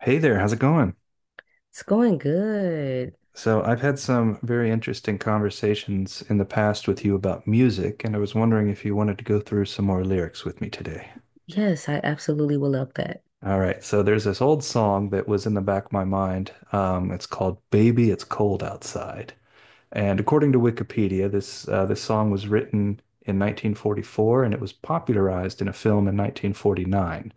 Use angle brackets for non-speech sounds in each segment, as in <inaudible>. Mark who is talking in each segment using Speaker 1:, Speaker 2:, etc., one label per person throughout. Speaker 1: Hey there, how's it going?
Speaker 2: It's going good.
Speaker 1: So, I've had some very interesting conversations in the past with you about music, and I was wondering if you wanted to go through some more lyrics with me today.
Speaker 2: Yes, I absolutely will love that.
Speaker 1: All right, so there's this old song that was in the back of my mind. It's called "Baby, It's Cold Outside," and according to Wikipedia, this song was written in 1944, and it was popularized in a film in 1949.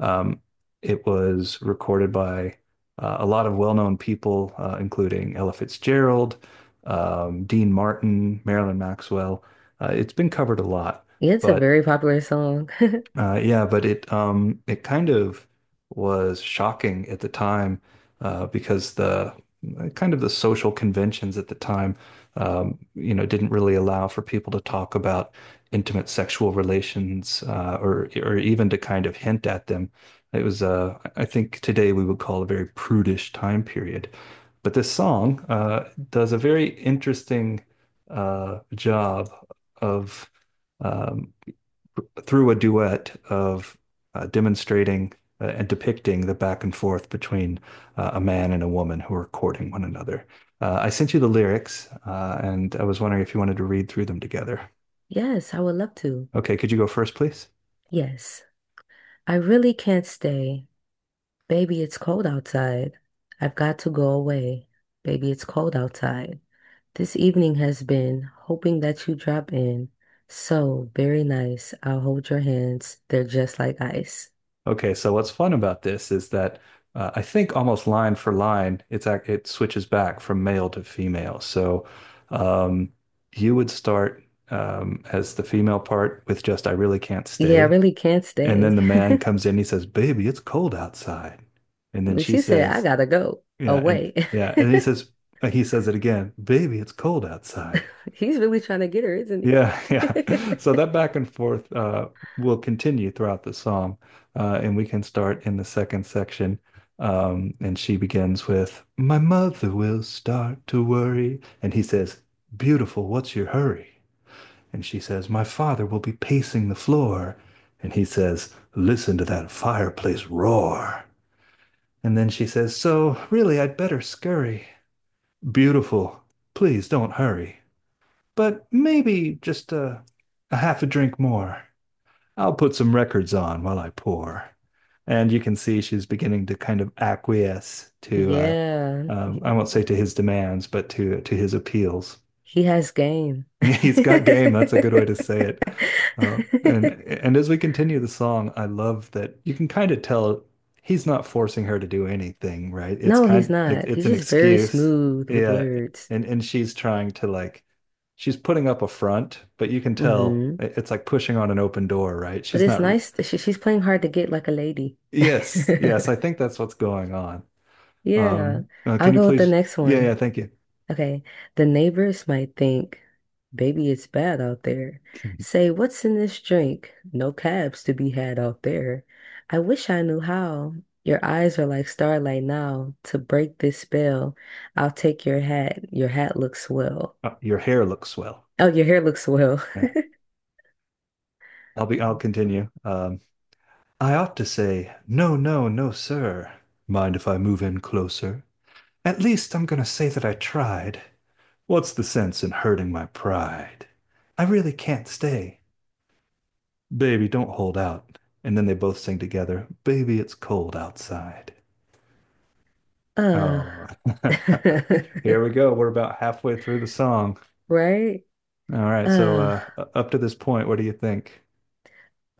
Speaker 1: Um, it was recorded by a lot of well-known people, including Ella Fitzgerald, Dean Martin, Marilyn Maxwell. It's been covered a lot,
Speaker 2: Yeah, it's a
Speaker 1: but
Speaker 2: very popular song. <laughs>
Speaker 1: yeah, but it kind of was shocking at the time, because kind of the social conventions at the time didn't really allow for people to talk about intimate sexual relations, or even to kind of hint at them. It was, I think, today we would call a very prudish time period. But this song does a very interesting job of. um, through a duet of, demonstrating and depicting the back and forth between, a man and a woman who are courting one another. I sent you the lyrics, and I was wondering if you wanted to read through them together.
Speaker 2: Yes, I would love to.
Speaker 1: Okay, could you go first, please?
Speaker 2: Yes, I really can't stay. Baby, it's cold outside. I've got to go away. Baby, it's cold outside. This evening has been hoping that you drop in. So very nice. I'll hold your hands. They're just like ice.
Speaker 1: Okay, so what's fun about this is that, I think almost line for line, it switches back from male to female. So um, you would start as the female part with just "I really can't
Speaker 2: Yeah, I
Speaker 1: stay."
Speaker 2: really can't
Speaker 1: And then
Speaker 2: stay.
Speaker 1: the
Speaker 2: <laughs>
Speaker 1: man comes in, he says, Baby, it's cold outside. And then
Speaker 2: But
Speaker 1: she
Speaker 2: she said, I
Speaker 1: says,
Speaker 2: gotta go
Speaker 1: yeah, and
Speaker 2: away.
Speaker 1: yeah, and then he says, he says it again, baby, it's cold outside.
Speaker 2: <laughs> He's really trying to get her, isn't
Speaker 1: Yeah,
Speaker 2: he?
Speaker 1: yeah. <laughs> So
Speaker 2: <laughs>
Speaker 1: that back and forth will continue throughout the psalm. Uh, and we can start in the second section. And she begins with, My mother will start to worry. And he says, Beautiful, what's your hurry? And she says, My father will be pacing the floor. And he says, Listen to that fireplace roar. And then she says, So, really, I'd better scurry. Beautiful. Please don't hurry. But maybe just a half a drink more. I'll put some records on while I pour. And you can see she's beginning to kind of acquiesce to,
Speaker 2: Yeah,
Speaker 1: I won't say
Speaker 2: he
Speaker 1: to his demands, but to his appeals.
Speaker 2: he has game.
Speaker 1: <laughs> He's got game. That's a good way to
Speaker 2: <laughs>
Speaker 1: say it. And as we continue the song, I love that you can kind of tell he's not forcing her to do anything, right? It's
Speaker 2: No, he's
Speaker 1: kind
Speaker 2: not.
Speaker 1: it's
Speaker 2: He's
Speaker 1: an
Speaker 2: just very
Speaker 1: excuse.
Speaker 2: smooth with
Speaker 1: Yeah.
Speaker 2: words.
Speaker 1: And she's trying to like she's putting up a front, but you can tell
Speaker 2: Hmm.
Speaker 1: it's like pushing on an open door, right?
Speaker 2: But
Speaker 1: She's
Speaker 2: it's
Speaker 1: not.
Speaker 2: nice that she's playing hard to get like a lady.
Speaker 1: Yes, yes, I
Speaker 2: <laughs>
Speaker 1: think that's what's going on.
Speaker 2: Yeah, I'll
Speaker 1: Can you
Speaker 2: go with the
Speaker 1: please?
Speaker 2: next
Speaker 1: Yeah,
Speaker 2: one.
Speaker 1: yeah, thank you.
Speaker 2: Okay, the neighbors might think, baby, it's bad out there.
Speaker 1: <laughs>
Speaker 2: Say, what's in this drink? No cabs to be had out there. I wish I knew how. Your eyes are like starlight now. To break this spell, I'll take your hat. Your hat looks swell.
Speaker 1: Your hair looks swell.
Speaker 2: Oh, your hair looks swell.
Speaker 1: Yeah.
Speaker 2: <laughs>
Speaker 1: I'll continue. I ought to say, no, no, no, sir. Mind if I move in closer? At least I'm going to say that I tried. What's the sense in hurting my pride? I really can't stay. Baby, don't hold out. And then they both sing together, Baby, it's cold outside.
Speaker 2: Uh,
Speaker 1: Oh,
Speaker 2: <laughs>
Speaker 1: <laughs> here we go. We're about halfway through the song.
Speaker 2: right?
Speaker 1: All right, so,
Speaker 2: Uh,
Speaker 1: up to this point, what do you think?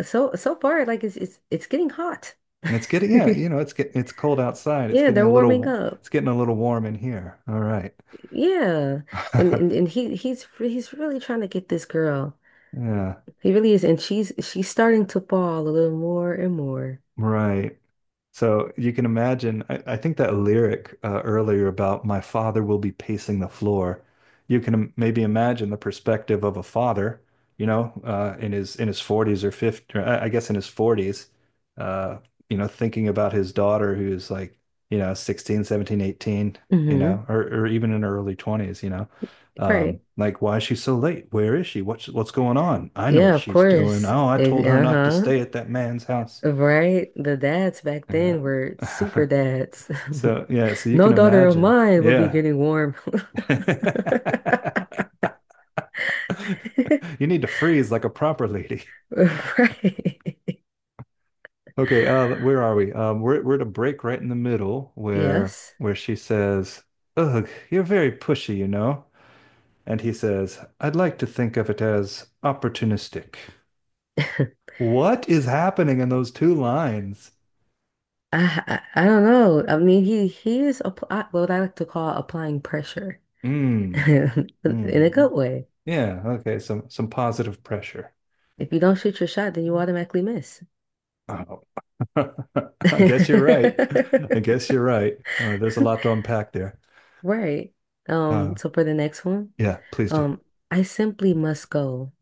Speaker 2: so so far, like it's getting hot.
Speaker 1: It's getting, yeah, you know,
Speaker 2: <laughs>
Speaker 1: it's cold outside. It's
Speaker 2: Yeah,
Speaker 1: getting a
Speaker 2: they're warming
Speaker 1: little,
Speaker 2: up.
Speaker 1: it's getting a little warm in here. All right.
Speaker 2: Yeah. And and,
Speaker 1: <laughs>
Speaker 2: and he's really trying to get this girl.
Speaker 1: Yeah,
Speaker 2: He really is. And she's starting to fall a little more and more.
Speaker 1: right. So you can imagine, I think that lyric earlier about my father will be pacing the floor. You can maybe imagine the perspective of a father, you know, in his 40s or 50, or I guess in his 40s, uh, you know, thinking about his daughter who's like, you know, 16, 17, 18, you
Speaker 2: Hmm.
Speaker 1: know, or even in her early 20s, you know.
Speaker 2: Right.
Speaker 1: Like, why is she so late? Where is she? What's going on? I know what
Speaker 2: Yeah, of
Speaker 1: she's doing.
Speaker 2: course.
Speaker 1: Oh, I
Speaker 2: It-
Speaker 1: told her not to
Speaker 2: uh-huh.
Speaker 1: stay at that man's house.
Speaker 2: Right. The dads back
Speaker 1: Yeah.
Speaker 2: then were super
Speaker 1: <laughs>
Speaker 2: dads. <laughs>
Speaker 1: So yeah, so you
Speaker 2: No
Speaker 1: can
Speaker 2: daughter of
Speaker 1: imagine.
Speaker 2: mine will be
Speaker 1: Yeah.
Speaker 2: getting warm. <laughs>
Speaker 1: <laughs> You need to freeze like a proper lady. <laughs>
Speaker 2: Right.
Speaker 1: Okay, uh, where are we? We're at a break right in the middle where
Speaker 2: Yes.
Speaker 1: she says, "Ugh, you're very pushy, you know." And he says, "I'd like to think of it as opportunistic."
Speaker 2: I,
Speaker 1: What is happening in those two lines?
Speaker 2: I don't know. I mean, he is apply what I like to call applying pressure <laughs>
Speaker 1: Mm,
Speaker 2: in a good
Speaker 1: mm.
Speaker 2: way.
Speaker 1: Yeah, okay, some positive pressure.
Speaker 2: If you don't shoot your shot, then you automatically miss.
Speaker 1: Oh. <laughs> I guess you're right. I
Speaker 2: <laughs>
Speaker 1: guess you're right. There's a lot to unpack there.
Speaker 2: Right.
Speaker 1: Uh,
Speaker 2: So for the next one,
Speaker 1: yeah, please do.
Speaker 2: um, I simply must go.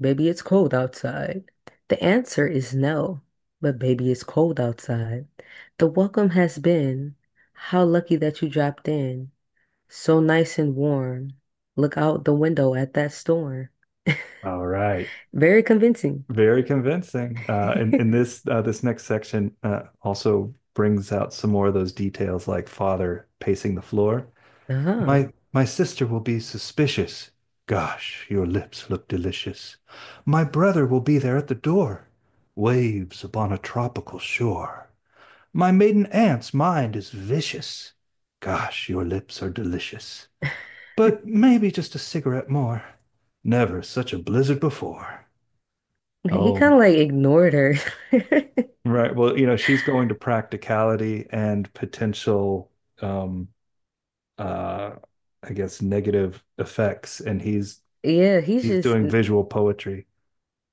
Speaker 2: Baby, it's cold outside. The answer is no, but baby, it's cold outside. The welcome has been, how lucky that you dropped in. So nice and warm. Look out the window at that storm.
Speaker 1: All right.
Speaker 2: <laughs> Very convincing. <laughs>
Speaker 1: Very convincing. And this this next section also brings out some more of those details, like father pacing the floor.
Speaker 2: Uh-huh.
Speaker 1: My sister will be suspicious. Gosh, your lips look delicious. My brother will be there at the door. Waves upon a tropical shore. My maiden aunt's mind is vicious. Gosh, your lips are delicious. But maybe just a cigarette more. Never such a blizzard before.
Speaker 2: He
Speaker 1: Oh,
Speaker 2: kind of like ignored her. <laughs>
Speaker 1: right. Well, you know, she's going to practicality and potential, um, uh, I guess, negative effects, and
Speaker 2: Yeah,
Speaker 1: he's doing visual poetry.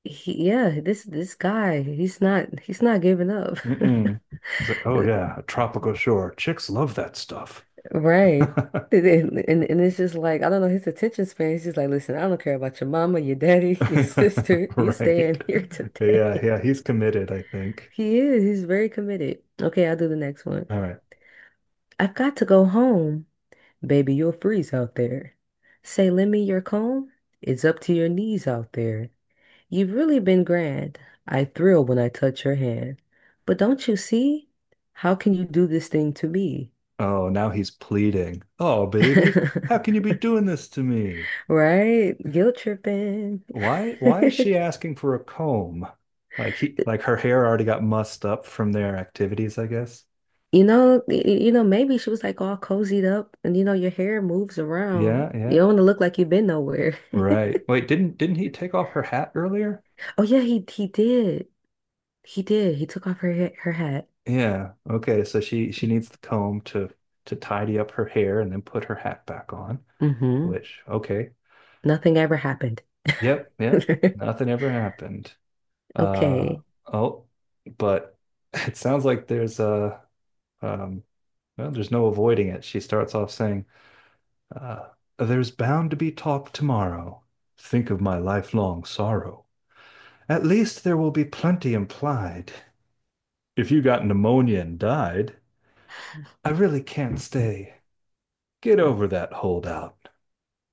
Speaker 2: yeah, this guy, he's not giving up.
Speaker 1: Mm-mm. He's like, oh
Speaker 2: <laughs>
Speaker 1: yeah, a tropical shore. Chicks love that stuff.
Speaker 2: Right. And, and it's just like, I don't know, his attention span. He's just like, listen, I don't care about your mama, your daddy, <laughs> your
Speaker 1: <laughs>
Speaker 2: sister. You
Speaker 1: Right.
Speaker 2: staying here
Speaker 1: Yeah,
Speaker 2: today. <laughs>
Speaker 1: yeah, he's committed, I think.
Speaker 2: He is. He's very committed. Okay, I'll do the next one.
Speaker 1: All right.
Speaker 2: I've got to go home. Baby, you'll freeze out there. Say, lend me your comb. It's up to your knees out there. You've really been grand. I thrill when I touch your hand. But don't you see? How can you do this thing to me?
Speaker 1: Oh, now he's pleading. Oh, baby, how can you
Speaker 2: <laughs>
Speaker 1: be doing this to me?
Speaker 2: Right? Guilt tripping.
Speaker 1: Why is she
Speaker 2: <laughs>
Speaker 1: asking for a comb? Like he, like her hair already got mussed up from their activities, I guess.
Speaker 2: You know, you know, maybe she was like all cozied up and you know your hair moves around.
Speaker 1: Yeah,
Speaker 2: You
Speaker 1: yeah.
Speaker 2: don't want to look like you've been nowhere. <laughs>
Speaker 1: Right. Wait, didn't he take off her hat earlier?
Speaker 2: Oh yeah, he did. He did. He took off her her hat.
Speaker 1: Yeah. Okay, so she needs the comb to tidy up her hair and then put her hat back on,
Speaker 2: Mm-hmm.
Speaker 1: which okay.
Speaker 2: Nothing ever happened. <laughs>
Speaker 1: Yep, yep. Nothing ever happened. Uh
Speaker 2: Okay.
Speaker 1: oh, but <laughs> it sounds like there's a Um, well, there's no avoiding it. She starts off saying, uh, There's bound to be talk tomorrow. Think of my lifelong sorrow. At least there will be plenty implied. If you got pneumonia and died, I really can't stay. Get over that holdout.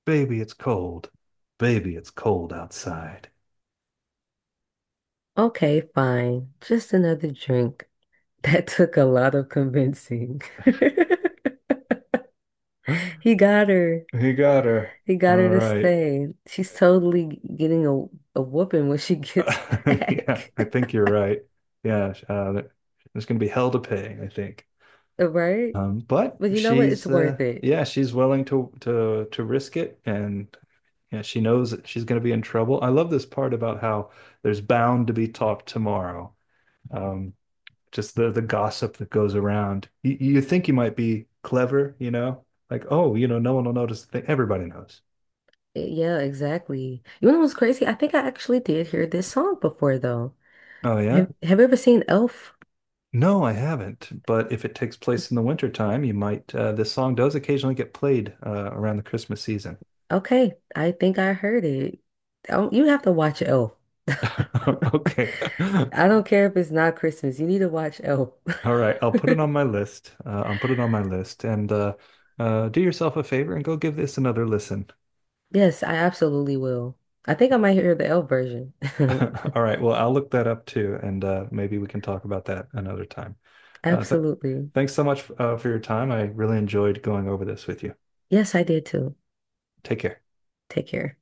Speaker 1: Baby, it's cold. Baby, it's cold outside.
Speaker 2: Okay, fine. Just another drink. <laughs> That took a lot of convincing. <laughs>
Speaker 1: <laughs>
Speaker 2: He got her.
Speaker 1: He got her.
Speaker 2: He got her
Speaker 1: All
Speaker 2: to
Speaker 1: right.
Speaker 2: stay. She's totally getting a whooping when she gets
Speaker 1: <laughs> Yeah,
Speaker 2: back.
Speaker 1: I think
Speaker 2: <laughs>
Speaker 1: you're right. Yeah, there's going to be hell to pay, I think.
Speaker 2: Right?
Speaker 1: But
Speaker 2: But you know what? It's
Speaker 1: she's
Speaker 2: worth it.
Speaker 1: yeah, she's willing to to risk it, and yeah, she knows that she's going to be in trouble. I love this part about how there's bound to be talk tomorrow. Um, just the gossip that goes around. You think you might be clever, you know, like oh, you know, no one will notice. The thing. Everybody knows.
Speaker 2: Eh, yeah, exactly. You know what's crazy? I think I actually did hear this song before, though.
Speaker 1: Oh yeah.
Speaker 2: Have you ever seen Elf?
Speaker 1: No, I haven't. But if it takes place in the wintertime, you might. This song does occasionally get played around the Christmas season.
Speaker 2: Okay, I think I heard it. Oh, you have to watch Elf. <laughs>
Speaker 1: <laughs> Okay. <laughs>
Speaker 2: I don't care if it's not Christmas. You need to watch Elf.
Speaker 1: All right, I'll put it on
Speaker 2: <laughs>
Speaker 1: my list. I'll put it on my list and do yourself a favor and go give this another listen.
Speaker 2: Yes, I absolutely will. I think I might hear the Elf version. <laughs>
Speaker 1: <laughs> All right, well, I'll look that up too, and maybe we can talk about that another time. Th
Speaker 2: Absolutely.
Speaker 1: thanks so much for your time. I really enjoyed going over this with you.
Speaker 2: Yes, I did too.
Speaker 1: Take care.
Speaker 2: Take care.